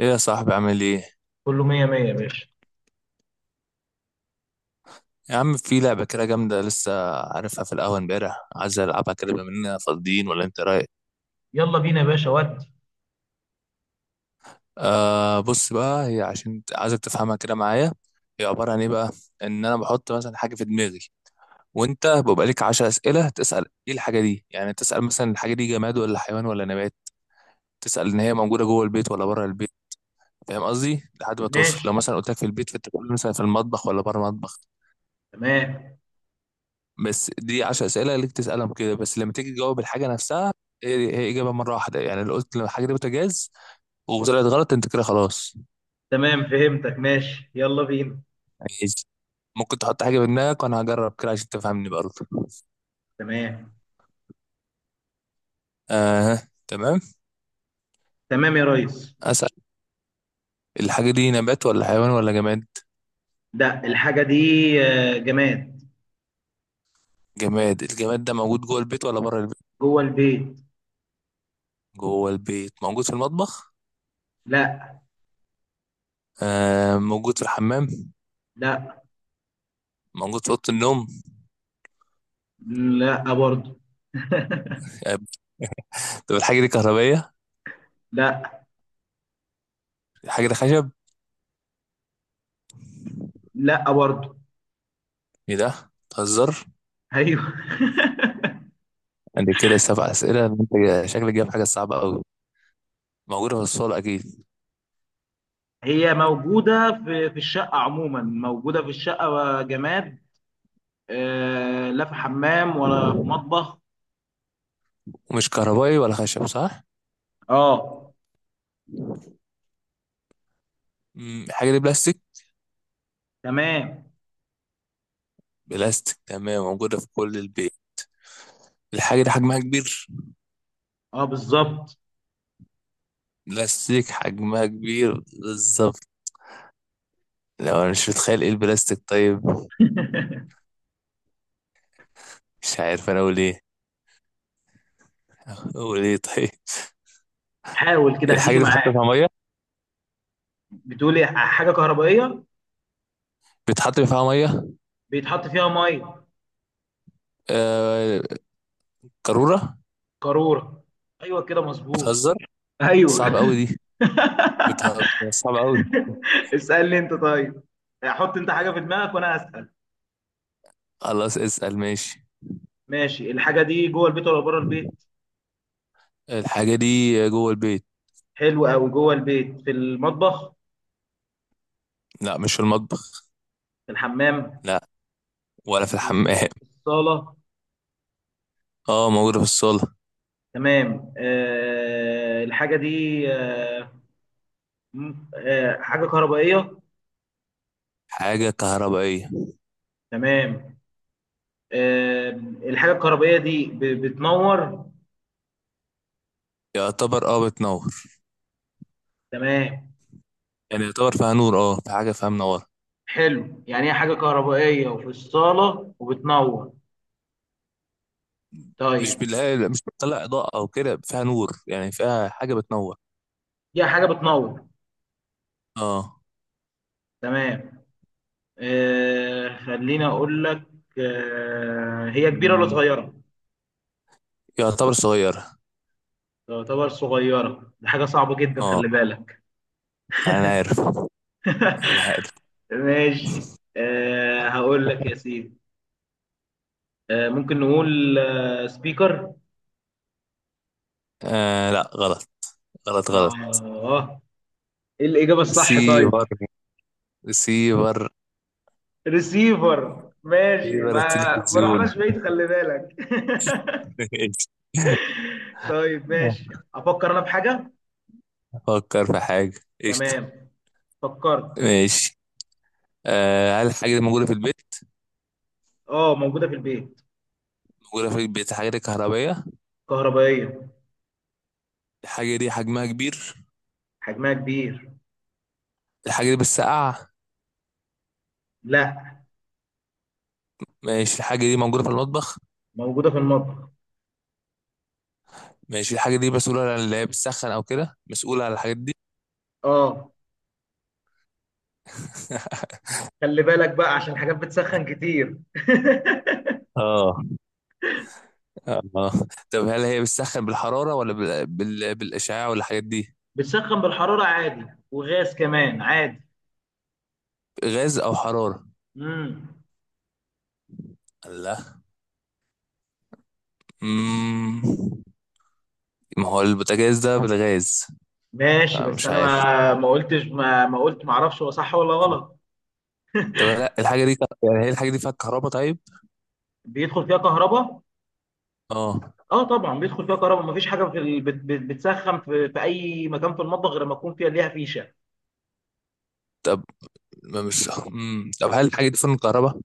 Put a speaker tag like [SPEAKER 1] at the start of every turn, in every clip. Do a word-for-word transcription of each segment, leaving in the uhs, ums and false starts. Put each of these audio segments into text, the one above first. [SPEAKER 1] ايه يا صاحبي، عامل ايه؟
[SPEAKER 2] كله مية مية يا باشا.
[SPEAKER 1] يا عم، في لعبة كده جامدة لسه عارفها في القهوة امبارح، عايز العبها كده بما اننا فاضيين ولا انت رايك؟
[SPEAKER 2] يلا بينا يا باشا ودي.
[SPEAKER 1] آه بص بقى، هي عشان ت- عايزك تفهمها كده معايا. هي عبارة عن ايه بقى؟ ان انا بحط مثلا حاجة في دماغي، وانت بيبقى ليك 10 أسئلة تسأل ايه الحاجة دي. يعني تسأل مثلا الحاجة دي جماد ولا حيوان ولا نبات، تسأل ان هي موجودة جوه البيت ولا بره البيت. فاهم قصدي؟ لحد ما توصل.
[SPEAKER 2] ماشي.
[SPEAKER 1] لو مثلا قلت لك في البيت، فانت تقول مثلا في المطبخ ولا بره المطبخ.
[SPEAKER 2] تمام.
[SPEAKER 1] بس دي 10 اسئله ليك تسالهم كده، بس لما تيجي تجاوب الحاجه نفسها، هي هي اجابه مره واحده. يعني لو قلت لو الحاجه دي بوتاجاز وطلعت غلط، انت كده خلاص.
[SPEAKER 2] تمام فهمتك، ماشي يلا بينا.
[SPEAKER 1] يعني ممكن تحط حاجه في دماغك وانا هجرب كده عشان تفهمني برضه.
[SPEAKER 2] تمام،
[SPEAKER 1] اه، تمام.
[SPEAKER 2] تمام يا ريس.
[SPEAKER 1] اسال. الحاجه دي نبات ولا حيوان ولا جماد؟
[SPEAKER 2] ده الحاجة دي آه، جماد.
[SPEAKER 1] جماد. الجماد ده موجود جوه البيت ولا بره البيت؟
[SPEAKER 2] جوه البيت.
[SPEAKER 1] جوه البيت. موجود في المطبخ؟
[SPEAKER 2] لا.
[SPEAKER 1] آه، موجود في الحمام؟
[SPEAKER 2] لا.
[SPEAKER 1] موجود في اوضه النوم؟
[SPEAKER 2] لا برضه.
[SPEAKER 1] آه، طب الحاجه دي كهربائيه؟
[SPEAKER 2] لا.
[SPEAKER 1] الحاجه دي خشب؟
[SPEAKER 2] لا برضه.
[SPEAKER 1] ايه ده بتهزر؟
[SPEAKER 2] ايوه.
[SPEAKER 1] عندي كده سبع أسئلة، انت شكلك جايب حاجة صعبة أوي. موجودة في الصالة أكيد.
[SPEAKER 2] هي موجودة في في الشقة، عموما موجودة في الشقة جماد. آه، لا في حمام ولا في مطبخ.
[SPEAKER 1] ومش كهربائي ولا خشب صح؟
[SPEAKER 2] اه.
[SPEAKER 1] مم، الحاجة دي بلاستيك؟
[SPEAKER 2] تمام.
[SPEAKER 1] بلاستيك، تمام. موجودة في كل البيت. الحاجة دي حجمها كبير؟
[SPEAKER 2] اه بالظبط.
[SPEAKER 1] بلاستيك حجمها كبير. بالظبط. لو أنا مش متخيل إيه البلاستيك طيب. مش عارف أنا أقول إيه. أقول إيه طيب.
[SPEAKER 2] حاول كده
[SPEAKER 1] الحاجة
[SPEAKER 2] هتيجي
[SPEAKER 1] دي بتحط
[SPEAKER 2] معاك.
[SPEAKER 1] فيها مية؟
[SPEAKER 2] بتقولي حاجه كهربائيه؟
[SPEAKER 1] بتحط فيها مية؟
[SPEAKER 2] بيتحط فيها ميه.
[SPEAKER 1] آه... قارورة؟
[SPEAKER 2] قاروره. ايوه كده مظبوط.
[SPEAKER 1] بتهزر؟
[SPEAKER 2] ايوه.
[SPEAKER 1] صعب أوي دي. بتهزر صعب أوي.
[SPEAKER 2] اسالني انت طيب، حط انت حاجه في دماغك وانا اسال.
[SPEAKER 1] خلاص اسأل، ماشي.
[SPEAKER 2] ماشي، الحاجه دي جوه البيت ولا بره البيت؟
[SPEAKER 1] الحاجة دي جوه البيت.
[SPEAKER 2] حلو قوي. جوه البيت في المطبخ؟
[SPEAKER 1] لا، مش في المطبخ.
[SPEAKER 2] في الحمام؟
[SPEAKER 1] لا، ولا في الحمام.
[SPEAKER 2] في الصاله.
[SPEAKER 1] اه، موجودة في الصالة.
[SPEAKER 2] تمام، أه الحاجه دي أه م- آه، حاجه كهربائيه.
[SPEAKER 1] حاجة كهربائية.
[SPEAKER 2] تمام. أه الحاجه الكهربائيه دي ب- بتنور.
[SPEAKER 1] يعتبر اه بتنور.
[SPEAKER 2] تمام.
[SPEAKER 1] يعني يعتبر فيها نور، اه في حاجة فيها منورة.
[SPEAKER 2] حلو، يعني هي حاجة كهربائية وفي الصالة وبتنور.
[SPEAKER 1] مش
[SPEAKER 2] طيب.
[SPEAKER 1] بالله لا، مش بتطلع إضاءة أو كده، فيها نور يعني، فيها حاجة بتنور.
[SPEAKER 2] دي حاجة بتنور.
[SPEAKER 1] اه.
[SPEAKER 2] تمام. آه خليني أقول لك. آه، هي كبيرة ولا
[SPEAKER 1] مم.
[SPEAKER 2] صغيرة؟
[SPEAKER 1] يعتبر صغيرة.
[SPEAKER 2] تعتبر صغيرة؟ دي حاجة صعبة جدا،
[SPEAKER 1] اه.
[SPEAKER 2] خلي بالك.
[SPEAKER 1] أنا عارف. أنا عارف.
[SPEAKER 2] ماشي. آه هقول لك يا سيدي. آه ممكن نقول آه سبيكر.
[SPEAKER 1] آه لا، غلط. غلط،
[SPEAKER 2] اه
[SPEAKER 1] غلط.
[SPEAKER 2] آه. ايه الإجابة الصح طيب؟
[SPEAKER 1] سيفر. سيفر.
[SPEAKER 2] ريسيفر؟ ماشي
[SPEAKER 1] سيفر
[SPEAKER 2] ما ما
[SPEAKER 1] التلفزيون.
[SPEAKER 2] رحناش بعيد، خلي بالك. طيب ماشي، افكر انا بحاجه.
[SPEAKER 1] فكر في حاجة. قشطة.
[SPEAKER 2] تمام. فكرت.
[SPEAKER 1] ماشي. آه هل الحاجة دي موجودة في البيت؟
[SPEAKER 2] اه موجوده في البيت.
[SPEAKER 1] جرافيك بيت، حاجات كهربائية.
[SPEAKER 2] كهربائيه.
[SPEAKER 1] الحاجة دي حجمها كبير.
[SPEAKER 2] حجمها كبير.
[SPEAKER 1] الحاجة دي بتسقع.
[SPEAKER 2] لا.
[SPEAKER 1] ماشي، الحاجة دي موجودة في المطبخ.
[SPEAKER 2] موجوده في المطبخ.
[SPEAKER 1] ماشي، الحاجة دي مسؤولة عن اللي هي بتسخن أو كده، مسؤولة عن الحاجات دي.
[SPEAKER 2] اه خلي بالك بقى عشان حاجات بتسخن كتير.
[SPEAKER 1] اه. اه. طب هل هي بتسخن بالحرارة ولا بال... بال... بالإشعاع ولا الحاجات دي؟
[SPEAKER 2] بتسخن بالحراره عادي وغاز كمان عادي.
[SPEAKER 1] غاز أو حرارة.
[SPEAKER 2] امم.
[SPEAKER 1] لا. مم. ما هو البوتاجاز ده بالغاز.
[SPEAKER 2] ماشي، بس
[SPEAKER 1] فمش
[SPEAKER 2] انا
[SPEAKER 1] عارف.
[SPEAKER 2] ما ما قلتش، ما ما قلت ما اعرفش هو صح ولا غلط.
[SPEAKER 1] طب لا، الحاجة دي، يعني هي الحاجة دي فيها كهرباء طيب؟
[SPEAKER 2] بيدخل فيها كهرباء.
[SPEAKER 1] اه.
[SPEAKER 2] اه طبعا بيدخل فيها كهرباء، مفيش حاجه في ال... بت... بت... بتسخن في... في اي مكان في المطبخ غير ما يكون فيها ليها فيشه.
[SPEAKER 1] طب ما مش مم. طب هل الحاجة دي فن كهرباء؟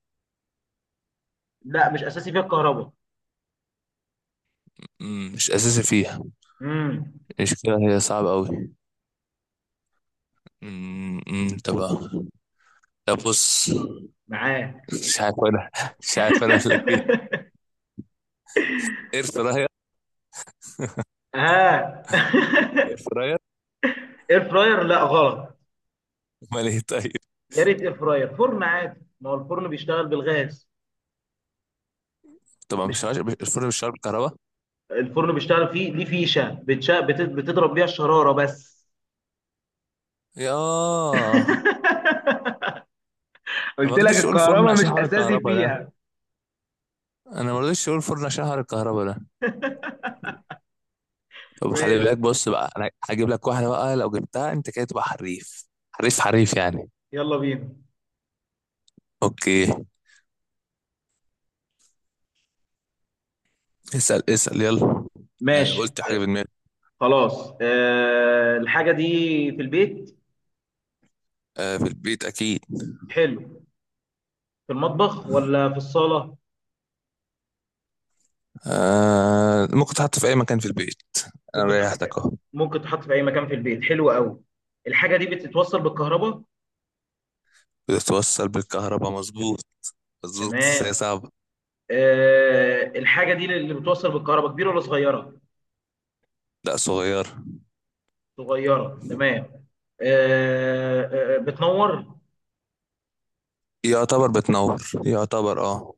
[SPEAKER 2] لا مش اساسي فيها الكهرباء.
[SPEAKER 1] مم، مش اساسي فيها.
[SPEAKER 2] امم.
[SPEAKER 1] المشكله هي صعبه قوي. مم، مم، طب. طب بص.
[SPEAKER 2] معاه.
[SPEAKER 1] مش عارف انا. مش عارف انا اقول لك ايه. اير فراير.
[SPEAKER 2] اه.
[SPEAKER 1] اير فراير.
[SPEAKER 2] اير فراير؟ لا غلط.
[SPEAKER 1] امال ايه طيب؟
[SPEAKER 2] يا ريت اير فراير، فرن عادي. ما هو الفرن بيشتغل بالغاز.
[SPEAKER 1] طبعا
[SPEAKER 2] مش
[SPEAKER 1] مش عارف، الفرن مش شغال بالكهرباء؟
[SPEAKER 2] الفرن بيشتغل فيه ليه فيشه بتشا... بت... بتضرب بيها الشراره بس.
[SPEAKER 1] يا. انا
[SPEAKER 2] قلت
[SPEAKER 1] ما
[SPEAKER 2] لك
[SPEAKER 1] رضيتش اقول فرن
[SPEAKER 2] الكهرباء
[SPEAKER 1] عشان
[SPEAKER 2] مش
[SPEAKER 1] حوار
[SPEAKER 2] اساسي
[SPEAKER 1] الكهرباء ده.
[SPEAKER 2] فيها.
[SPEAKER 1] انا ما رضيتش اقول فرن عشان حوار الكهرباء ده. طب خلي
[SPEAKER 2] ماشي
[SPEAKER 1] بالك، بص بقى، انا هجيب لك واحده بقى، لو جبتها انت كده تبقى حريف حريف حريف يعني.
[SPEAKER 2] يلا بينا.
[SPEAKER 1] اوكي. اسال اسال يلا. انا
[SPEAKER 2] ماشي.
[SPEAKER 1] قلت حاجه في دماغي.
[SPEAKER 2] خلاص آه الحاجه دي في البيت.
[SPEAKER 1] آه في البيت اكيد.
[SPEAKER 2] حلو. في المطبخ ولا في الصاله؟
[SPEAKER 1] آه ممكن تحط في اي مكان في البيت. انا
[SPEAKER 2] ممكن تحط في،
[SPEAKER 1] ريحتك اهو.
[SPEAKER 2] ممكن تحط في اي مكان في البيت. حلو قوي. الحاجه دي بتتوصل بالكهرباء؟
[SPEAKER 1] بتتوصل بالكهرباء مظبوط. مظبوط، بس هي
[SPEAKER 2] تمام.
[SPEAKER 1] صعبة.
[SPEAKER 2] آه الحاجه دي اللي بتوصل بالكهرباء كبيره ولا صغيره؟
[SPEAKER 1] لا صغير.
[SPEAKER 2] صغيره؟ تمام. آه آه بتنور.
[SPEAKER 1] يعتبر بتنور. يعتبر اه.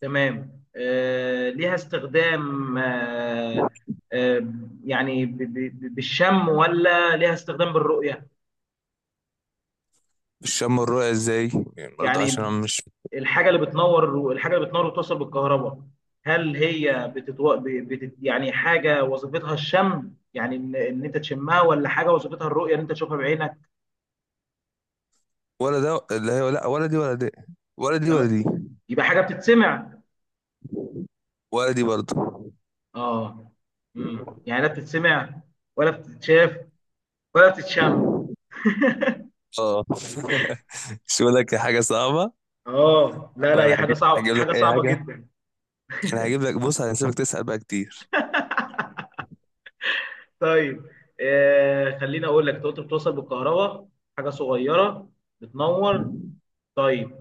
[SPEAKER 2] تمام. آه ليها استخدام آه، آه يعني ب- ب- ب- بالشم ولا ليها استخدام بالرؤيه؟
[SPEAKER 1] الشم والرؤية ازاي؟ يعني برضه
[SPEAKER 2] يعني
[SPEAKER 1] عشان انا مش.
[SPEAKER 2] الحاجه اللي بتنور، الحاجه اللي بتنور وتوصل بالكهرباء هل هي بتتو... ب- بتت... يعني حاجه وظيفتها الشم، يعني ان ان انت تشمها، ولا حاجه وظيفتها الرؤيه ان انت تشوفها بعينك؟
[SPEAKER 1] ولا ده اللي هي، لا ولا دي ولا دي. ولا دي ولا
[SPEAKER 2] يعني
[SPEAKER 1] دي.
[SPEAKER 2] يبقى حاجه بتتسمع؟
[SPEAKER 1] ولا دي برضه.
[SPEAKER 2] اه. امم، يعني لا بتتسمع ولا بتتشاف ولا بتتشم.
[SPEAKER 1] اه. مش بقول لك حاجة صعبة.
[SPEAKER 2] اه لا لا،
[SPEAKER 1] وانا
[SPEAKER 2] هي حاجه
[SPEAKER 1] هجيب
[SPEAKER 2] صعبه،
[SPEAKER 1] هجيب
[SPEAKER 2] حاجه
[SPEAKER 1] لك اي
[SPEAKER 2] صعبه
[SPEAKER 1] حاجة.
[SPEAKER 2] جدا.
[SPEAKER 1] انا هجيب لك بص، هسيبك تسأل بقى كتير.
[SPEAKER 2] طيب، آه خليني اقول لك. انت قلت بتوصل بالكهرباء، حاجه صغيره، بتنور. طيب،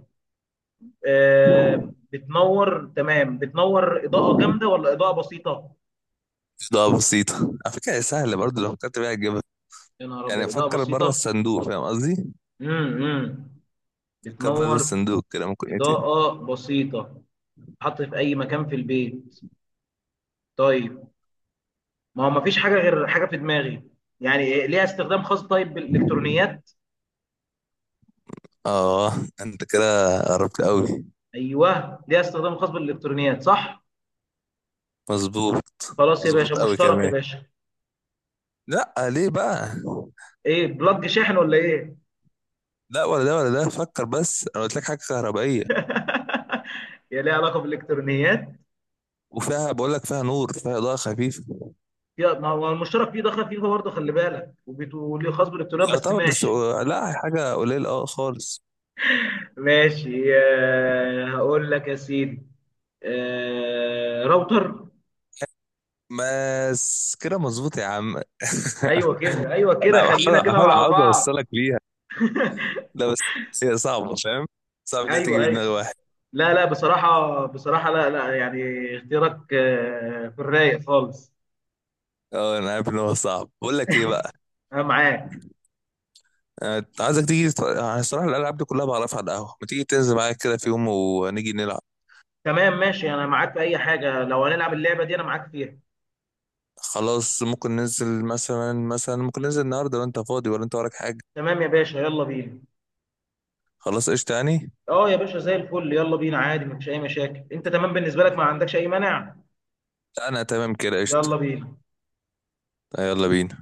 [SPEAKER 2] آه، بتنور تمام. بتنور اضاءه جامده ولا اضاءه بسيطه؟
[SPEAKER 1] ده بسيطة. على فكرة هي سهلة برضه لو فكرت بيها.
[SPEAKER 2] يا نهار ابيض
[SPEAKER 1] يعني
[SPEAKER 2] اضاءه
[SPEAKER 1] فكر بره
[SPEAKER 2] بسيطه.
[SPEAKER 1] الصندوق، فاهم قصدي؟
[SPEAKER 2] امم.
[SPEAKER 1] فكر بره
[SPEAKER 2] بتنور
[SPEAKER 1] الصندوق كده، ممكن ايه تاني؟
[SPEAKER 2] اضاءه بسيطه، حط في اي مكان في البيت. طيب، ما هو ما فيش حاجه غير حاجه في دماغي. يعني إيه، ليها استخدام خاص طيب بالالكترونيات؟
[SPEAKER 1] اه، انت كده قربت قوي.
[SPEAKER 2] ايوه ليها استخدام خاص بالالكترونيات، صح؟
[SPEAKER 1] مظبوط.
[SPEAKER 2] خلاص يا باشا،
[SPEAKER 1] مظبوط قوي
[SPEAKER 2] مشترك يا
[SPEAKER 1] كمان.
[SPEAKER 2] باشا.
[SPEAKER 1] لا، ليه بقى؟
[SPEAKER 2] ايه، بلج شاحن ولا ايه؟
[SPEAKER 1] لا ولا ده ولا ده، فكر بس، انا قلت لك حاجه كهربائيه.
[SPEAKER 2] يا ليها علاقه بالالكترونيات،
[SPEAKER 1] وفيها، بقول لك فيها نور، فيها اضاءه خفيفه.
[SPEAKER 2] يا ما هو المشترك فيه دخل فيفا برضه خلي بالك، وبيت- وليه خاص بالالكترونيات بس،
[SPEAKER 1] يعتبر، بس
[SPEAKER 2] ماشي.
[SPEAKER 1] لا حاجه قليله اه خالص.
[SPEAKER 2] ماشي آه، هقول لك يا سيدي. آه، راوتر.
[SPEAKER 1] بس كده مظبوط يا عم.
[SPEAKER 2] ايوه كده، ايوه كده،
[SPEAKER 1] انا بحاول
[SPEAKER 2] خلينا كده
[SPEAKER 1] احاول،
[SPEAKER 2] مع
[SPEAKER 1] عاوز
[SPEAKER 2] بعض.
[SPEAKER 1] اوصلك ليها. لا بس هي صعبه، فاهم؟ صعب لا
[SPEAKER 2] ايوه
[SPEAKER 1] تيجي في
[SPEAKER 2] ايوه.
[SPEAKER 1] دماغ واحد.
[SPEAKER 2] لا لا بصراحه، بصراحه لا لا يعني. اختيارك آه، في الرايق خالص.
[SPEAKER 1] اه، انا عارف ان هو صعب. بقول لك ايه بقى،
[SPEAKER 2] انا معاك.
[SPEAKER 1] آه، عايزك تيجي تت- أنا الصراحة الألعاب دي كلها بعرفها على القهوة، ما تيجي تنزل معايا كده في يوم ونيجي نلعب.
[SPEAKER 2] تمام ماشي، انا معاك في اي حاجه. لو هنلعب اللعبه دي انا معاك فيها.
[SPEAKER 1] خلاص ممكن ننزل مثلا مثلا ممكن ننزل النهاردة لو أنت فاضي، ولا أنت وراك حاجة؟
[SPEAKER 2] تمام يا باشا يلا بينا.
[SPEAKER 1] خلاص، قشطة يعني.
[SPEAKER 2] اه يا باشا زي الفل، يلا بينا عادي مفيش اي مشاكل. انت تمام؟ بالنسبه لك ما عندكش اي مانع؟
[SPEAKER 1] أنا تمام كده،
[SPEAKER 2] يلا
[SPEAKER 1] قشطة.
[SPEAKER 2] بينا.
[SPEAKER 1] يلا بينا.